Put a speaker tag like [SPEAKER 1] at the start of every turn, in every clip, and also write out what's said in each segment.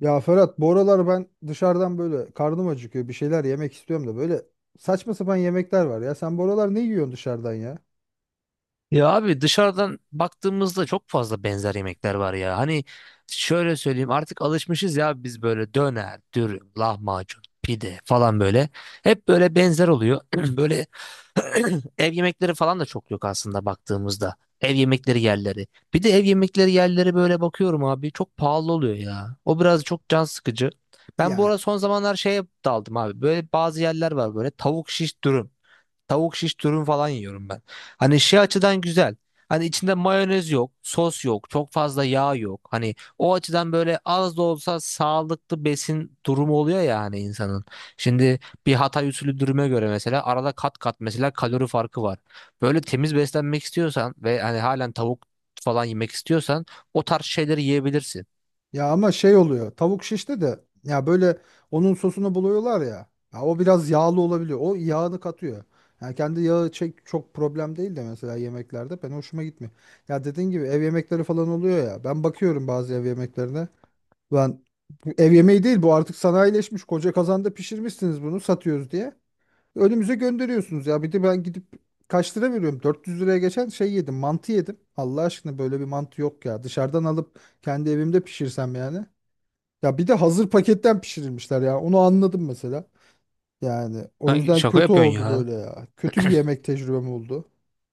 [SPEAKER 1] Ya Ferhat, bu aralar ben dışarıdan böyle karnım acıkıyor, bir şeyler yemek istiyorum da böyle saçma sapan yemekler var ya. Sen bu aralar ne yiyorsun dışarıdan ya?
[SPEAKER 2] Ya abi dışarıdan baktığımızda çok fazla benzer yemekler var ya. Hani şöyle söyleyeyim artık alışmışız ya biz böyle döner, dürüm, lahmacun, pide falan böyle. Hep böyle benzer oluyor. Böyle ev yemekleri falan da çok yok aslında baktığımızda. Ev yemekleri yerleri. Bir de ev yemekleri yerleri böyle bakıyorum abi çok pahalı oluyor ya. O biraz çok can sıkıcı. Ben bu
[SPEAKER 1] Ya
[SPEAKER 2] arada son zamanlar şeye daldım abi. Böyle bazı yerler var böyle tavuk şiş dürüm. Tavuk şiş dürüm falan yiyorum ben. Hani şey açıdan güzel. Hani içinde mayonez yok, sos yok, çok fazla yağ yok. Hani o açıdan böyle az da olsa sağlıklı besin durumu oluyor ya hani insanın. Şimdi bir Hatay usulü dürüme göre mesela arada kat kat mesela kalori farkı var. Böyle temiz beslenmek istiyorsan ve hani halen tavuk falan yemek istiyorsan o tarz şeyleri yiyebilirsin.
[SPEAKER 1] ya ama şey oluyor, tavuk şişte de ya böyle onun sosunu buluyorlar ya. Ya o biraz yağlı olabiliyor. O yağını katıyor. Yani kendi yağı çek çok problem değil de mesela yemeklerde ben hoşuma gitmiyor. Ya dediğin gibi ev yemekleri falan oluyor ya. Ben bakıyorum bazı ev yemeklerine. Ben bu ev yemeği değil, bu artık sanayileşmiş, koca kazanda pişirmişsiniz bunu, satıyoruz diye. Önümüze gönderiyorsunuz ya. Bir de ben gidip kaç lira veriyorum? 400 liraya geçen şey yedim. Mantı yedim. Allah aşkına, böyle bir mantı yok ya. Dışarıdan alıp kendi evimde pişirsem yani. Ya bir de hazır paketten pişirilmişler ya. Onu anladım mesela. Yani o
[SPEAKER 2] Kanka
[SPEAKER 1] yüzden
[SPEAKER 2] şaka
[SPEAKER 1] kötü
[SPEAKER 2] yapıyorsun
[SPEAKER 1] oldu
[SPEAKER 2] ya.
[SPEAKER 1] böyle ya. Kötü bir yemek tecrübem oldu.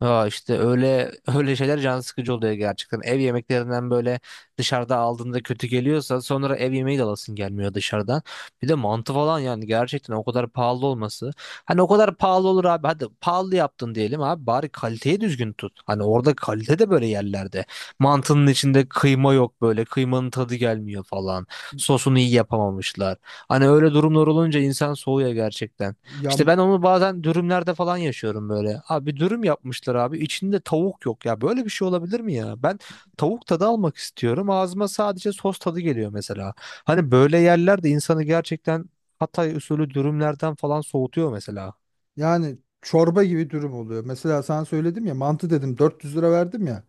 [SPEAKER 2] Aa, işte öyle öyle şeyler can sıkıcı oluyor gerçekten. Ev yemeklerinden böyle dışarıda aldığında kötü geliyorsa sonra ev yemeği de alasın gelmiyor dışarıdan. Bir de mantı falan yani gerçekten o kadar pahalı olması. Hani o kadar pahalı olur abi. Hadi pahalı yaptın diyelim abi bari kaliteyi düzgün tut. Hani orada kalite de böyle yerlerde. Mantının içinde kıyma yok böyle. Kıymanın tadı gelmiyor falan. Sosunu iyi yapamamışlar. Hani öyle durumlar olunca insan soğuyor gerçekten.
[SPEAKER 1] Ya,
[SPEAKER 2] İşte ben onu bazen dürümlerde falan yaşıyorum böyle. Abi dürüm yapmışlar abi. İçinde tavuk yok ya. Böyle bir şey olabilir mi ya? Ben tavuk tadı almak istiyorum. Ağzıma sadece sos tadı geliyor mesela. Hani böyle yerler de insanı gerçekten Hatay usulü dürümlerden falan soğutuyor mesela.
[SPEAKER 1] yani çorba gibi dürüm oluyor. Mesela sana söyledim ya, mantı dedim, 400 lira verdim ya.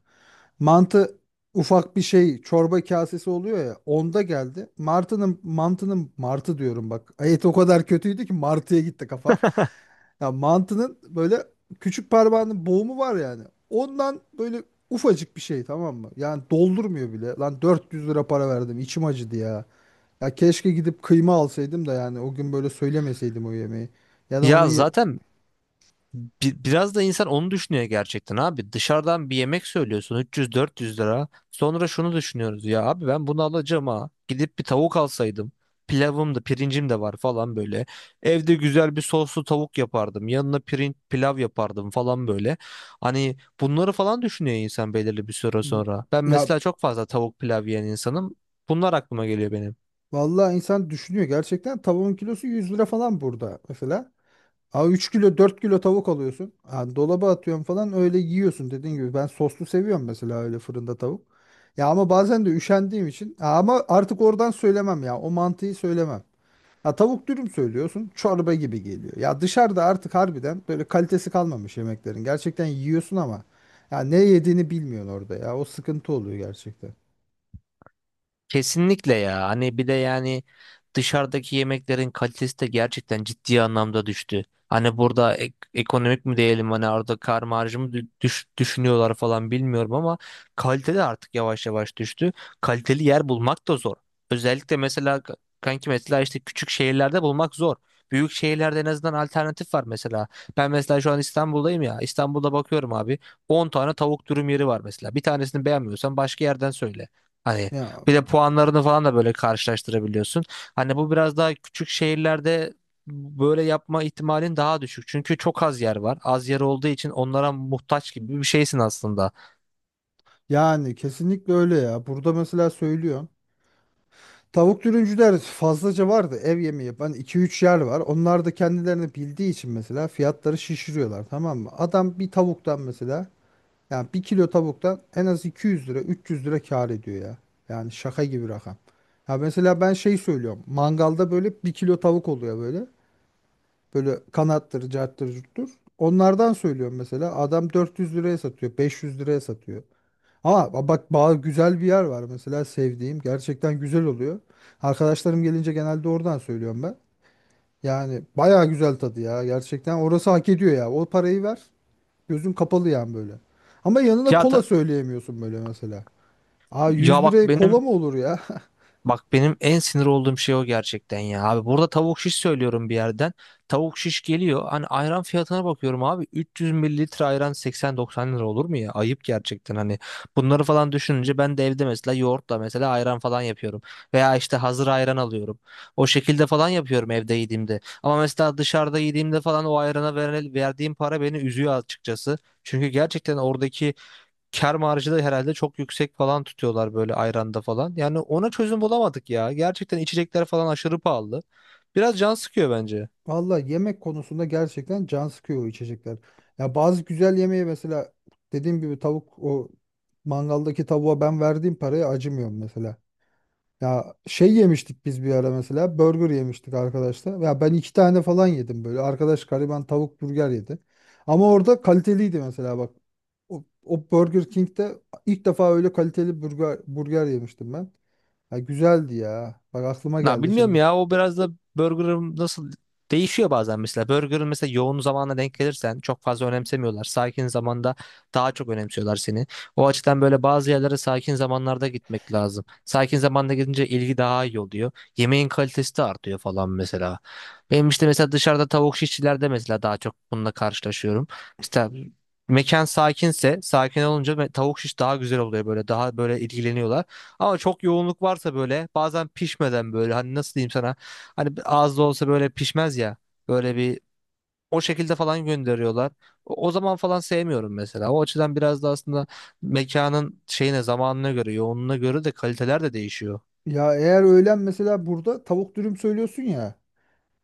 [SPEAKER 1] Mantı ufak bir şey, çorba kasesi oluyor ya, onda geldi. Martının mantının, martı diyorum bak. Et o kadar kötüydü ki martıya gitti kafam. Ya mantının böyle küçük parmağının boğumu var yani. Ondan böyle ufacık bir şey, tamam mı? Yani doldurmuyor bile. Lan 400 lira para verdim, içim acıdı ya. Ya keşke gidip kıyma alsaydım da yani o gün böyle söylemeseydim o yemeği. Ya da onu
[SPEAKER 2] Ya
[SPEAKER 1] ye-
[SPEAKER 2] zaten. Biraz da insan onu düşünüyor gerçekten abi. Dışarıdan bir yemek söylüyorsun 300-400 lira. Sonra şunu düşünüyoruz ya abi ben bunu alacağım ha. Gidip bir tavuk alsaydım. Pilavım da pirincim de var falan böyle. Evde güzel bir soslu tavuk yapardım. Yanına pirinç pilav yapardım falan böyle. Hani bunları falan düşünüyor insan belirli bir süre
[SPEAKER 1] Y-
[SPEAKER 2] sonra. Ben
[SPEAKER 1] Ya
[SPEAKER 2] mesela çok fazla tavuk pilav yiyen insanım. Bunlar aklıma geliyor benim.
[SPEAKER 1] vallahi insan düşünüyor gerçekten, tavuğun kilosu 100 lira falan burada mesela. Aa, 3 kilo 4 kilo tavuk alıyorsun. Ha, dolaba atıyorsun falan, öyle yiyorsun dediğin gibi. Ben soslu seviyorum mesela, öyle fırında tavuk. Ya ama bazen de üşendiğim için. Ha, ama artık oradan söylemem ya, o mantıyı söylemem. Ha, tavuk dürüm söylüyorsun, çorba gibi geliyor. Ya dışarıda artık harbiden böyle kalitesi kalmamış yemeklerin. Gerçekten yiyorsun ama ya ne yediğini bilmiyorsun orada, ya o sıkıntı oluyor gerçekten.
[SPEAKER 2] Kesinlikle ya. Hani bir de yani dışarıdaki yemeklerin kalitesi de gerçekten ciddi anlamda düştü. Hani burada ekonomik mi diyelim, hani orada kar marjı mı düşünüyorlar falan bilmiyorum ama kalite de artık yavaş yavaş düştü. Kaliteli yer bulmak da zor. Özellikle mesela kanki mesela işte küçük şehirlerde bulmak zor. Büyük şehirlerde en azından alternatif var mesela. Ben mesela şu an İstanbul'dayım ya. İstanbul'da bakıyorum abi. On tane tavuk dürüm yeri var mesela. Bir tanesini beğenmiyorsan başka yerden söyle. Hani
[SPEAKER 1] Ya,
[SPEAKER 2] bir de puanlarını falan da böyle karşılaştırabiliyorsun. Hani bu biraz daha küçük şehirlerde böyle yapma ihtimalin daha düşük. Çünkü çok az yer var. Az yer olduğu için onlara muhtaç gibi bir şeysin aslında.
[SPEAKER 1] yani kesinlikle öyle ya. Burada mesela söylüyorsun. Tavuk dürümcüler fazlaca vardı, ev yemeği yapan iki üç yer var. Onlar da kendilerini bildiği için mesela fiyatları şişiriyorlar, tamam mı? Adam bir tavuktan mesela, yani bir kilo tavuktan en az 200 lira 300 lira kâr ediyor ya. Yani şaka gibi rakam. Ya mesela ben şey söylüyorum. Mangalda böyle bir kilo tavuk oluyor böyle. Böyle kanattır, carttır, curttur. Onlardan söylüyorum mesela. Adam 400 liraya satıyor, 500 liraya satıyor. Ama bak, güzel bir yer var mesela sevdiğim. Gerçekten güzel oluyor. Arkadaşlarım gelince genelde oradan söylüyorum ben. Yani baya güzel tadı ya. Gerçekten orası hak ediyor ya, o parayı ver. Gözün kapalı yani böyle. Ama yanına
[SPEAKER 2] Ya
[SPEAKER 1] kola
[SPEAKER 2] da.
[SPEAKER 1] söyleyemiyorsun böyle mesela. Aa,
[SPEAKER 2] ya
[SPEAKER 1] 100
[SPEAKER 2] bak
[SPEAKER 1] liraya
[SPEAKER 2] benim
[SPEAKER 1] kola mı olur ya?
[SPEAKER 2] Bak benim en sinir olduğum şey o gerçekten ya. Abi burada tavuk şiş söylüyorum bir yerden. Tavuk şiş geliyor. Hani ayran fiyatına bakıyorum abi. 300 mililitre ayran 80-90 lira olur mu ya? Ayıp gerçekten hani. Bunları falan düşününce ben de evde mesela yoğurtla mesela ayran falan yapıyorum. Veya işte hazır ayran alıyorum. O şekilde falan yapıyorum evde yediğimde. Ama mesela dışarıda yediğimde falan o ayrana verdiğim para beni üzüyor açıkçası. Çünkü gerçekten oradaki kar marjı da herhalde çok yüksek falan tutuyorlar böyle ayranda falan. Yani ona çözüm bulamadık ya. Gerçekten içecekler falan aşırı pahalı. Biraz can sıkıyor bence.
[SPEAKER 1] Valla yemek konusunda gerçekten can sıkıyor o içecekler. Ya bazı güzel yemeği mesela, dediğim gibi tavuk, o mangaldaki tavuğa ben verdiğim paraya acımıyorum mesela. Ya şey yemiştik biz bir ara, mesela burger yemiştik arkadaşlar. Ya ben iki tane falan yedim böyle. Arkadaş gariban tavuk burger yedi. Ama orada kaliteliydi mesela bak. O Burger King'de ilk defa öyle kaliteli burger yemiştim ben. Ya güzeldi ya. Bak, aklıma
[SPEAKER 2] Na
[SPEAKER 1] geldi
[SPEAKER 2] bilmiyorum
[SPEAKER 1] şimdi.
[SPEAKER 2] ya, o biraz da burger'ın nasıl değişiyor bazen mesela. Burger'ın mesela yoğun zamana denk gelirsen çok fazla önemsemiyorlar. Sakin zamanda daha çok önemsiyorlar seni. O açıdan böyle bazı yerlere sakin zamanlarda gitmek lazım. Sakin zamanda gidince ilgi daha iyi oluyor. Yemeğin kalitesi de artıyor falan mesela. Benim işte mesela dışarıda tavuk şişçilerde mesela daha çok bununla karşılaşıyorum. İşte mekan sakinse, sakin olunca tavuk şiş daha güzel oluyor böyle, daha böyle ilgileniyorlar. Ama çok yoğunluk varsa böyle bazen pişmeden, böyle hani nasıl diyeyim sana, hani az da olsa böyle pişmez ya, böyle bir o şekilde falan gönderiyorlar. O zaman falan sevmiyorum mesela. O açıdan biraz da aslında mekanın şeyine, zamanına göre, yoğunluğuna göre de kaliteler de değişiyor.
[SPEAKER 1] Ya eğer öğlen mesela burada tavuk dürüm söylüyorsun ya.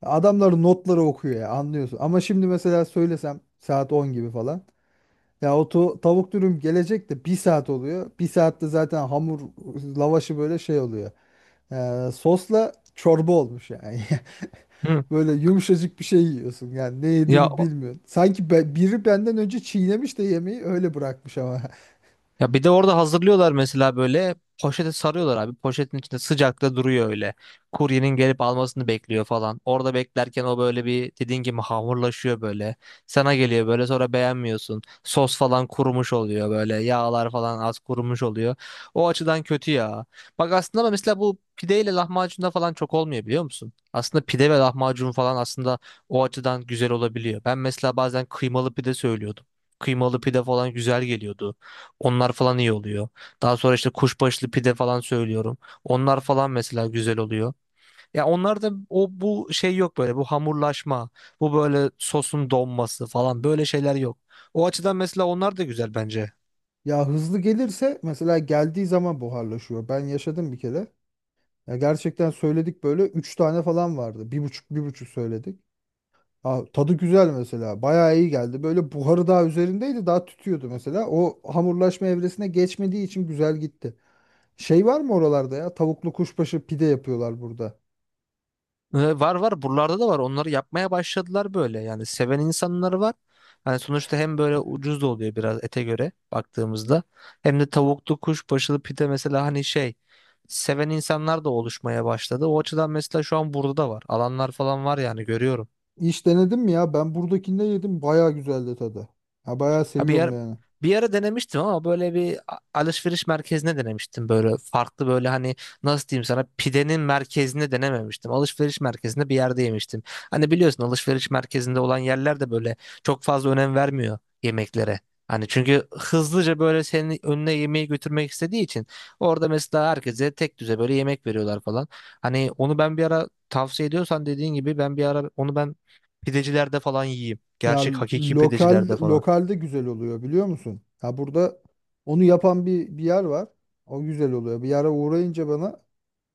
[SPEAKER 1] Adamların notları okuyor ya, anlıyorsun. Ama şimdi mesela söylesem saat 10 gibi falan. Ya o tavuk dürüm gelecek de bir saat oluyor. Bir saatte zaten hamur lavaşı böyle şey oluyor. Sosla çorba olmuş yani.
[SPEAKER 2] Hı.
[SPEAKER 1] Böyle yumuşacık bir şey yiyorsun, yani ne
[SPEAKER 2] Ya.
[SPEAKER 1] yediğini bilmiyorsun. Sanki biri benden önce çiğnemiş de yemeği öyle bırakmış ama.
[SPEAKER 2] Bir de orada hazırlıyorlar mesela böyle poşete sarıyorlar abi. Poşetin içinde sıcakta duruyor öyle. Kuryenin gelip almasını bekliyor falan. Orada beklerken o böyle bir dediğin gibi hamurlaşıyor böyle. Sana geliyor böyle sonra beğenmiyorsun. Sos falan kurumuş oluyor böyle. Yağlar falan az kurumuş oluyor. O açıdan kötü ya. Bak aslında ama mesela bu pideyle lahmacunda falan çok olmuyor, biliyor musun? Aslında pide ve lahmacun falan aslında o açıdan güzel olabiliyor. Ben mesela bazen kıymalı pide söylüyordum. Kıymalı pide falan güzel geliyordu. Onlar falan iyi oluyor. Daha sonra işte kuşbaşlı pide falan söylüyorum. Onlar falan mesela güzel oluyor. Ya onlarda o bu şey yok, böyle bu hamurlaşma, bu böyle sosun donması falan, böyle şeyler yok. O açıdan mesela onlar da güzel bence.
[SPEAKER 1] Ya hızlı gelirse mesela, geldiği zaman buharlaşıyor. Ben yaşadım bir kere. Ya gerçekten söyledik, böyle 3 tane falan vardı. Bir buçuk bir buçuk söyledik. Aa, tadı güzel mesela. Bayağı iyi geldi. Böyle buharı daha üzerindeydi. Daha tütüyordu mesela. O hamurlaşma evresine geçmediği için güzel gitti. Şey var mı oralarda ya? Tavuklu kuşbaşı pide yapıyorlar burada.
[SPEAKER 2] Var var, buralarda da var, onları yapmaya başladılar böyle, yani seven insanları var. Yani sonuçta hem böyle ucuz da oluyor biraz ete göre baktığımızda, hem de tavuklu kuşbaşılı pide mesela, hani şey, seven insanlar da oluşmaya başladı. O açıdan mesela şu an burada da var, alanlar falan var yani, görüyorum.
[SPEAKER 1] Hiç denedim mi ya? Ben buradakinde yedim. Bayağı güzeldi tadı. Ya bayağı
[SPEAKER 2] Ha bir
[SPEAKER 1] seviyorum
[SPEAKER 2] ara,
[SPEAKER 1] yani.
[SPEAKER 2] denemiştim ama böyle bir alışveriş merkezine denemiştim, böyle farklı, böyle hani nasıl diyeyim sana, pidenin merkezine denememiştim. Alışveriş merkezinde bir yerde yemiştim. Hani biliyorsun alışveriş merkezinde olan yerler de böyle çok fazla önem vermiyor yemeklere. Hani çünkü hızlıca böyle senin önüne yemeği götürmek istediği için orada mesela herkese tek düze böyle yemek veriyorlar falan. Hani onu ben bir ara, tavsiye ediyorsan dediğin gibi, ben bir ara onu ben pidecilerde falan yiyeyim.
[SPEAKER 1] Ya,
[SPEAKER 2] Gerçek hakiki
[SPEAKER 1] lokal,
[SPEAKER 2] pidecilerde falan.
[SPEAKER 1] lokalde güzel oluyor biliyor musun? Ya burada onu yapan bir yer var. O güzel oluyor. Bir yere uğrayınca bana,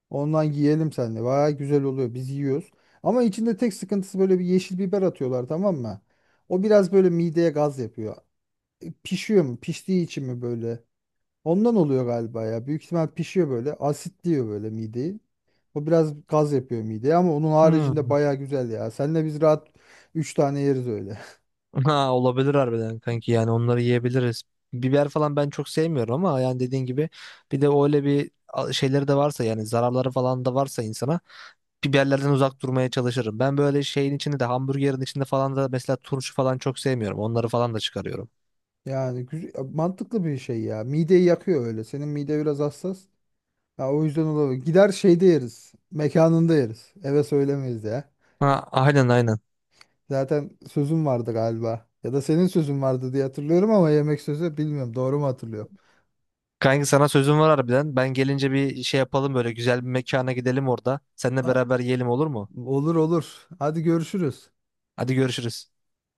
[SPEAKER 1] ondan yiyelim seninle. Baya güzel oluyor. Biz yiyoruz. Ama içinde tek sıkıntısı, böyle bir yeşil biber atıyorlar tamam mı? O biraz böyle mideye gaz yapıyor. E, pişiyor mu? Piştiği için mi böyle? Ondan oluyor galiba ya. Büyük ihtimal pişiyor böyle. Asitliyor böyle mideyi. O biraz gaz yapıyor mideye ama onun
[SPEAKER 2] Hmm.
[SPEAKER 1] haricinde baya güzel ya. Seninle biz rahat 3 tane yeriz öyle.
[SPEAKER 2] Ha, olabilir harbiden kanki, yani onları yiyebiliriz. Biber falan ben çok sevmiyorum ama yani dediğin gibi, bir de öyle bir şeyleri de varsa, yani zararları falan da varsa insana, biberlerden uzak durmaya çalışırım. Ben böyle şeyin içinde de, hamburgerin içinde falan da, mesela turşu falan çok sevmiyorum. Onları falan da çıkarıyorum.
[SPEAKER 1] Yani mantıklı bir şey ya. Mideyi yakıyor öyle. Senin mide biraz hassas. Ya o yüzden olabilir. Gider şeyde yeriz. Mekanında yeriz. Eve söylemeyiz ya.
[SPEAKER 2] Ha, aynen, aynen.
[SPEAKER 1] Zaten sözüm vardı galiba. Ya da senin sözün vardı diye hatırlıyorum ama yemek sözü bilmiyorum. Doğru mu hatırlıyorum?
[SPEAKER 2] Kanki sana sözüm var harbiden. Ben gelince bir şey yapalım, böyle güzel bir mekana gidelim orada. Seninle
[SPEAKER 1] A-
[SPEAKER 2] beraber yiyelim, olur mu?
[SPEAKER 1] Olur olur. Hadi görüşürüz.
[SPEAKER 2] Hadi görüşürüz.